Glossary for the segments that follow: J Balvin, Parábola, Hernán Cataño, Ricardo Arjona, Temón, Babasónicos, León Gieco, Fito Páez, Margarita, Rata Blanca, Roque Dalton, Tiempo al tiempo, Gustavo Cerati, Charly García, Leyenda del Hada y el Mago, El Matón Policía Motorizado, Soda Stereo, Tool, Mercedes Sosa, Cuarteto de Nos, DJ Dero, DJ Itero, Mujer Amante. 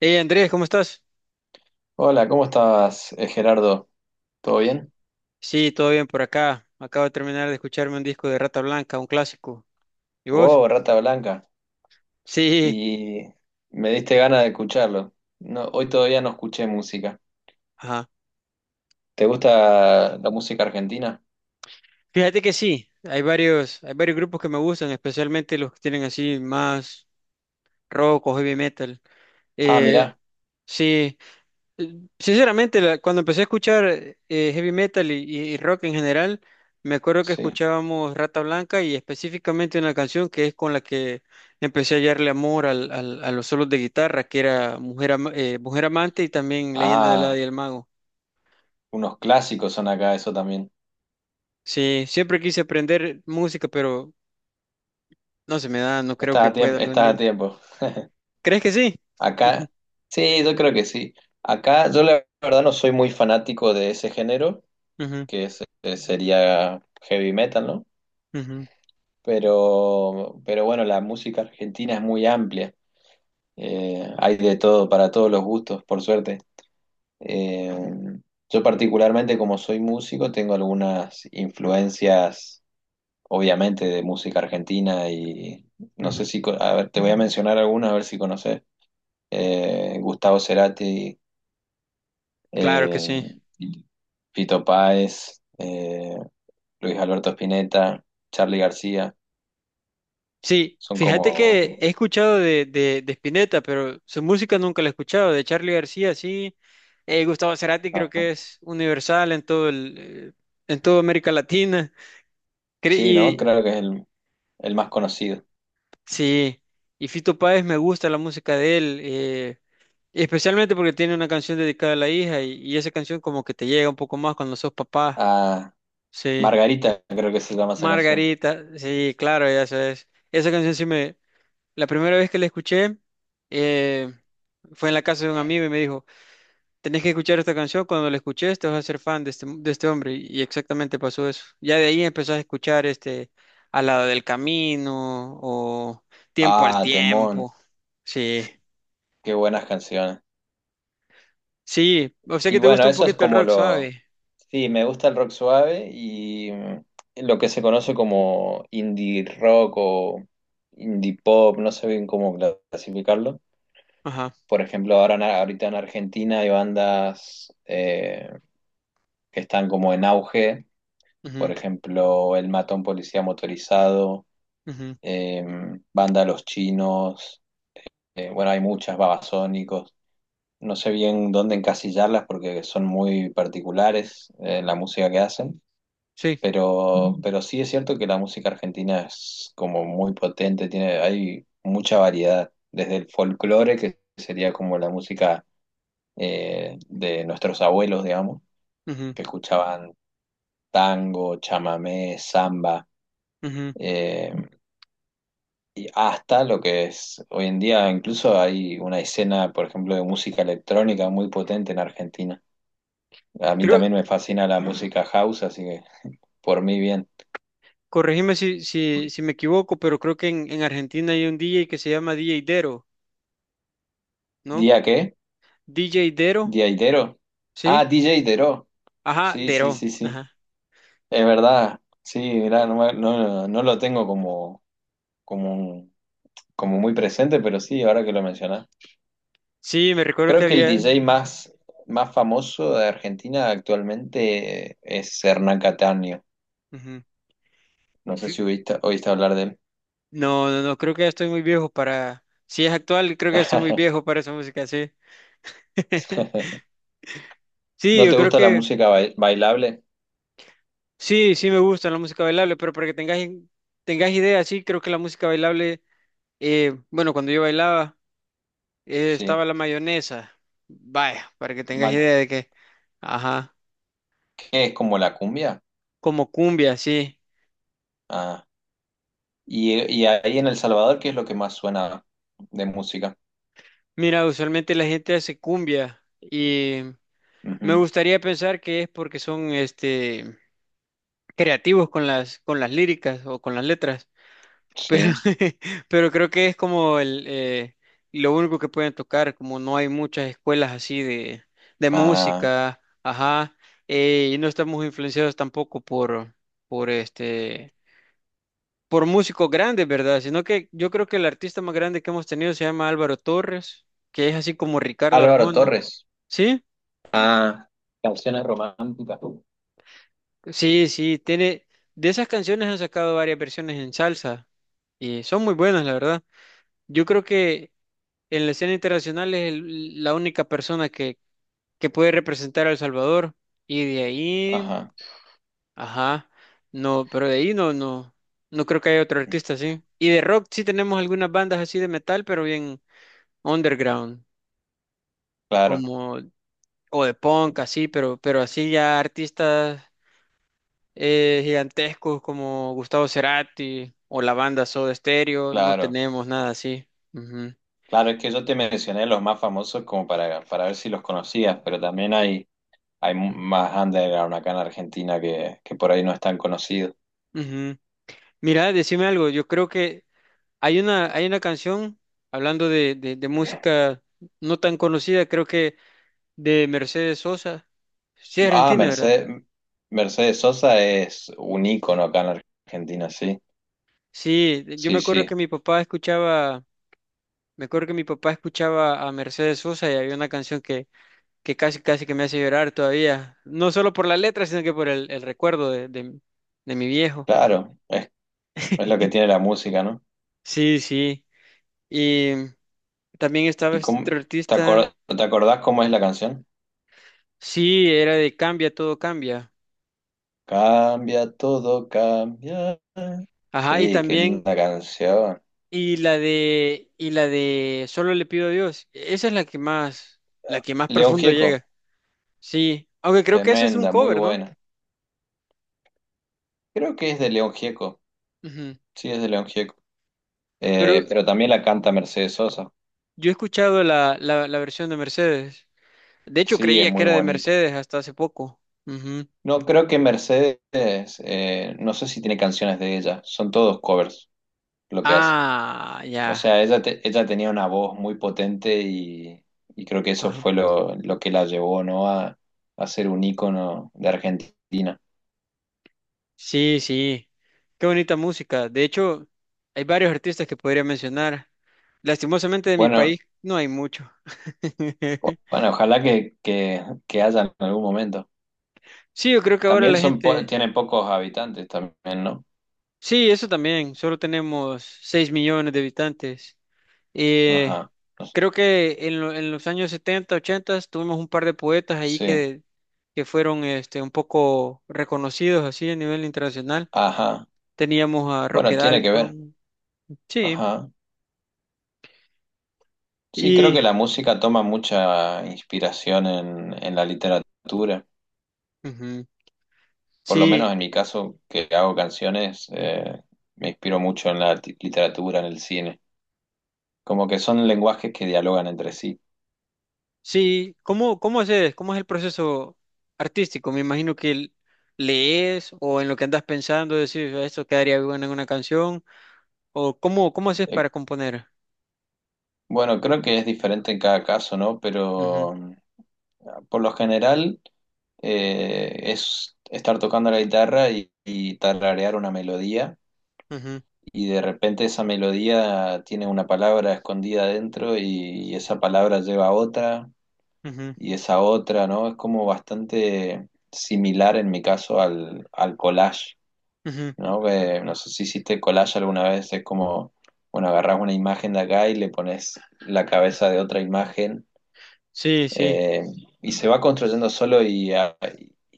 Hey Andrés, ¿cómo estás? Hola, ¿cómo estás, Gerardo? ¿Todo bien? Sí, todo bien por acá. Acabo de terminar de escucharme un disco de Rata Blanca, un clásico. ¿Y vos? Wow, rata blanca. Sí, Y me diste ganas de escucharlo. No, hoy todavía no escuché música. ajá. ¿Te gusta la música argentina? Fíjate que sí, hay varios grupos que me gustan, especialmente los que tienen así más rock o heavy metal. Ah, Eh, mirá, sí. Sinceramente, cuando empecé a escuchar heavy metal y rock en general, me acuerdo que sí. escuchábamos Rata Blanca y específicamente una canción que es con la que empecé a hallarle amor a los solos de guitarra, que era Mujer, Mujer Amante y también Leyenda del Hada Ah, y el Mago. unos clásicos son acá, eso también. Sí, siempre quise aprender música, pero no se me da, no creo Estás que a pueda tiempo, algún estás día. a tiempo. ¿Crees que sí? Acá, sí, yo creo que sí. Acá, yo la verdad no soy muy fanático de ese género, Ujú, sería heavy metal, ¿no? ujú, Pero bueno, la música argentina es muy amplia. Hay de todo, para todos los gustos, por suerte. Eh, yo particularmente, como soy músico, tengo algunas influencias, obviamente, de música argentina y no sé ujú. si, a ver, te voy a mencionar algunas, a ver si conoces. Gustavo Cerati, Claro que eh, sí. Fito Páez, Luis Alberto Spinetta, Charly García, Sí, son fíjate como... que he escuchado de Spinetta, pero su música nunca la he escuchado. De Charly García, sí. Gustavo Cerati creo que es universal en toda América Latina. Sí, ¿no? Y Creo que es el más conocido. sí, y Fito Páez me gusta la música de él, especialmente porque tiene una canción dedicada a la hija y esa canción como que te llega un poco más cuando sos papá. Ah, Sí. Margarita, creo que se llama esa canción. Margarita, sí, claro, ya sabes. Esa canción, la primera vez que la escuché eh, fue en la casa de un amigo y me dijo, tenés que escuchar esta canción, cuando la escuches te vas a ser fan de este hombre. Y exactamente pasó eso. Ya de ahí empezás a escuchar este Al lado del camino o Tiempo al Ah, Temón, tiempo. Sí, qué buenas canciones. sí, o sea Y que te bueno, gusta un eso es poquito el como rock, lo... suave. Sí, me gusta el rock suave y lo que se conoce como indie rock o indie pop, no sé bien cómo clasificarlo. Ajá, Por ejemplo, ahorita en Argentina hay bandas que están como en auge, por ujú, ejemplo, El Matón Policía Motorizado, ujú. Banda Los Chinos, bueno, hay muchas, Babasónicos. No sé bien dónde encasillarlas porque son muy particulares, la música que hacen, Sí, pero, Mm. pero sí es cierto que la música argentina es como muy potente, tiene, hay mucha variedad, desde el folclore, que sería como la música de nuestros abuelos, digamos, ujú, que escuchaban tango, chamamé, samba. ujú. eh, y hasta lo que es hoy en día, incluso hay una escena, por ejemplo, de música electrónica muy potente en Argentina. A mí Creo, también me fascina la música house, así que por mí bien. corregime si, si, si me equivoco, pero creo que en Argentina hay un DJ que se llama DJ Dero, ¿no? ¿Día qué? DJ Dero. ¿Día Itero? Ah, ¿Sí? DJ Itero. Ajá, Sí, sí, Dero. sí, sí. Ajá. Es verdad. Sí, mirá, no, no lo tengo como, un- como muy presente, pero sí, ahora que lo mencionás. Sí, me recuerdo que Creo que el había. DJ más famoso de Argentina actualmente es Hernán Cataño. Ujú. No sé Sí. si oíste hablar de él. No, no, no, creo que ya estoy muy viejo para. Si es actual, creo que ya estoy muy viejo para esa música, sí. Sí, ¿No yo te creo gusta la que música bailable? sí, sí me gusta la música bailable, pero para que tengas, tengas idea, sí, creo que la música bailable, bueno, cuando yo bailaba, Sí. estaba la mayonesa. Vaya, para que tengas Ma- idea de que, ajá, ¿Qué es como la cumbia? como cumbia, sí. Ah. Y ahí en El Salvador, ¿qué es lo que más suena de música? Mira, usualmente la gente hace cumbia y me Ujú, gustaría pensar que es porque son este creativos con las líricas o con las letras, pero sí. pero creo que es como el lo único que pueden tocar, como no hay muchas escuelas así de Ah, música, ajá, y no estamos influenciados tampoco por este por músicos grandes, ¿verdad? Sino que yo creo que el artista más grande que hemos tenido se llama Álvaro Torres, que es así como Ricardo Álvaro Arjona, Torres. ¿sí? Ah, canciones románticas. Sí, sí, tiene. De esas canciones han sacado varias versiones en salsa y son muy buenas, la verdad. Yo creo que en la escena internacional es la única persona que puede representar a El Salvador y de ahí, Ajá. ajá, no, pero de ahí no, no, no creo que haya otro artista así. Y de rock sí tenemos algunas bandas así de metal, pero bien underground, Claro, como o de punk así, pero así ya artistas gigantescos como Gustavo Cerati o la banda Soda Stereo, no claro. tenemos nada así. Ujú. Claro, es que yo te mencioné los más famosos como para ver si los conocías, pero también hay más underground acá en Argentina que por ahí no es tan conocido. Ujú. Mira, decime algo, yo creo que hay una canción, hablando de música no tan conocida, creo que de Mercedes Sosa, sí, es Ah, argentina, ¿verdad? Mercedes, Mercedes Sosa es un ícono acá en Argentina, sí. Sí, yo me Sí, acuerdo que sí. mi papá escuchaba, me acuerdo que mi papá escuchaba a Mercedes Sosa y había una canción que casi, casi que me hace llorar todavía. No solo por la letra, sino que por el recuerdo de mi viejo. Claro, es lo que tiene la música, ¿no? Sí, sí. Y también estaba ¿Y este cómo otro artista. Te acordás cómo es la canción? Sí, era de Cambia, todo cambia. Cambia todo, cambia. Ajá, y Sí, qué también, linda canción. y la de Solo le pido a Dios. Esa es la que más León profundo Gieco, llega. Sí, aunque creo que ese es un tremenda, muy cover, ¿no? buena. Creo que es de León Gieco. Ujú. Sí, es de León Gieco. Pero Pero también la canta Mercedes Sosa. yo he escuchado la versión de Mercedes. De hecho, Sí, es creía que muy era de bonito. Mercedes hasta hace poco. Ujú. No, creo que Mercedes, no sé si tiene canciones de ella. Son todos covers lo que hace. Ah, O ya. sea, ella tenía una voz muy potente y creo que eso Ajá. fue lo que la llevó, ¿no? A ser un ícono de Argentina. Sí, sí. Qué bonita música. De hecho, hay varios artistas que podría mencionar. Lastimosamente de mi país Bueno, no hay mucho. Ojalá que haya en algún momento. Sí, yo creo que ahora También la gente... tiene pocos habitantes también, ¿no? Sí, eso también. Solo tenemos 6 millones de habitantes. Eh, Ajá. No sé. Creo que en los años 70, 80 tuvimos un par de poetas ahí Sí. que fueron este, un poco reconocidos así a nivel internacional. Ajá. Teníamos a Roque Bueno, tiene que ver. Dalton. Sí. Ajá. Sí, creo que la música toma mucha inspiración en la literatura. Ujú. Por lo menos Sí, en mi caso, que hago canciones, me inspiro mucho en la literatura, en el cine. Como que son lenguajes que dialogan entre sí. sí. ¿Cómo haces? ¿Cómo es el proceso artístico? Me imagino que lees o en lo que andas pensando decís, "Ah, esto quedaría bueno en una canción." ¿O cómo haces Eh, para componer? bueno, creo que es diferente en cada caso, ¿no? Ujú, Pero por lo general es estar tocando la guitarra y tararear una melodía. ujú, Y de repente esa melodía tiene una palabra escondida adentro y esa palabra lleva a otra ujú, y esa otra, ¿no? Es como bastante similar en mi caso al collage, ujú. ¿no? Que no sé si hiciste collage alguna vez, es como, bueno, agarrás una imagen de acá y le pones la cabeza de otra imagen Sí, sí. eh, y se va construyendo solo y, a-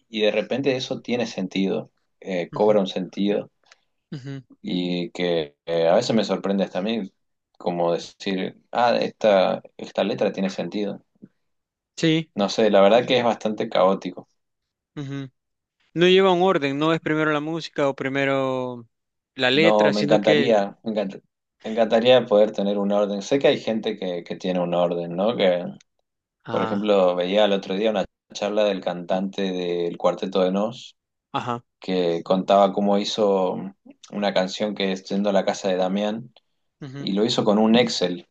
y de repente eso tiene sentido, Ujú, cobra un sentido ujú. y que a veces me sorprende hasta a mí como decir, ah, esta letra tiene sentido. Sí. No sé, la verdad que es bastante caótico. Ujú. No lleva un orden, no es primero la música o primero la No, letra, sino que. Me encantaría poder tener un orden. Sé que hay gente que tiene un orden, ¿no? Que, por Ah, ejemplo, veía el otro día una charla del cantante del Cuarteto de Nos ajá. que contaba cómo hizo una canción que es Yendo a la casa de Damián Ujú. y lo hizo con un Excel.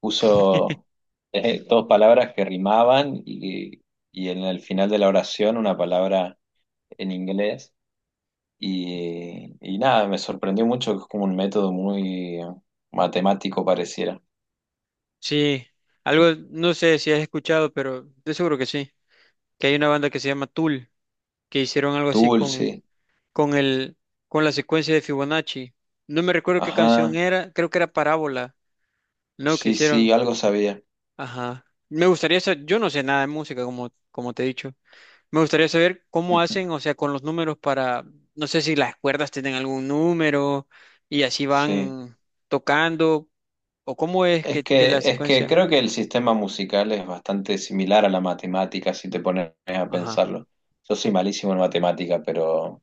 Puso dos palabras que rimaban y en el final de la oración una palabra en inglés. Y nada, me sorprendió mucho que es como un método muy matemático pareciera. Sí. Algo, no sé si has escuchado, pero de seguro que sí, que hay una banda que se llama Tool, que hicieron algo así Dulce, con el, con la secuencia de Fibonacci. No me recuerdo qué canción ajá, era, creo que era Parábola, ¿no? Que sí, hicieron. sí, algo sabía. Ajá. Me gustaría saber, yo no sé nada de música, como te he dicho. Me gustaría saber cómo Ujú, hacen, o sea, con los números para, no sé si las cuerdas tienen algún número y así sí. van tocando, o cómo es Es que la que, es que secuencia. creo que el sistema musical es bastante similar a la matemática si te pones a Ajá, pensarlo. Yo soy malísimo en matemática, pero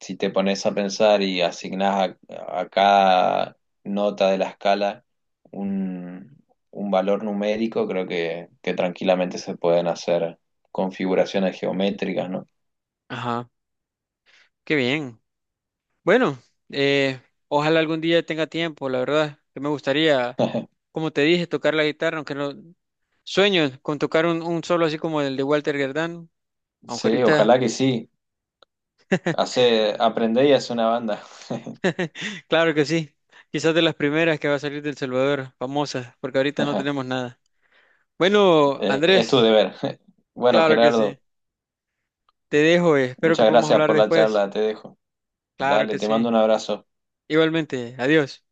si te pones a pensar y asignás a cada nota de la escala un, un valor numérico, creo que tranquilamente se pueden hacer configuraciones geométricas, ¿no? ajá, qué bien. Bueno, eh, ojalá algún día tenga tiempo, la verdad, que me gustaría, como te dije, tocar la guitarra, aunque no sueño con tocar un solo así como el de Walter Gerdán, aunque Sí, ahorita, ojalá que sí. Hace, aprendé y hace una banda. claro que sí, quizás de las primeras que va a salir del Salvador, famosas, porque ahorita no tenemos nada. Bueno, Es tu Andrés, deber. Bueno, claro que Gerardo, sí, te dejo, espero que muchas podamos gracias hablar por la después, charla, te dejo. claro Dale, que te mando sí, un abrazo. igualmente, adiós.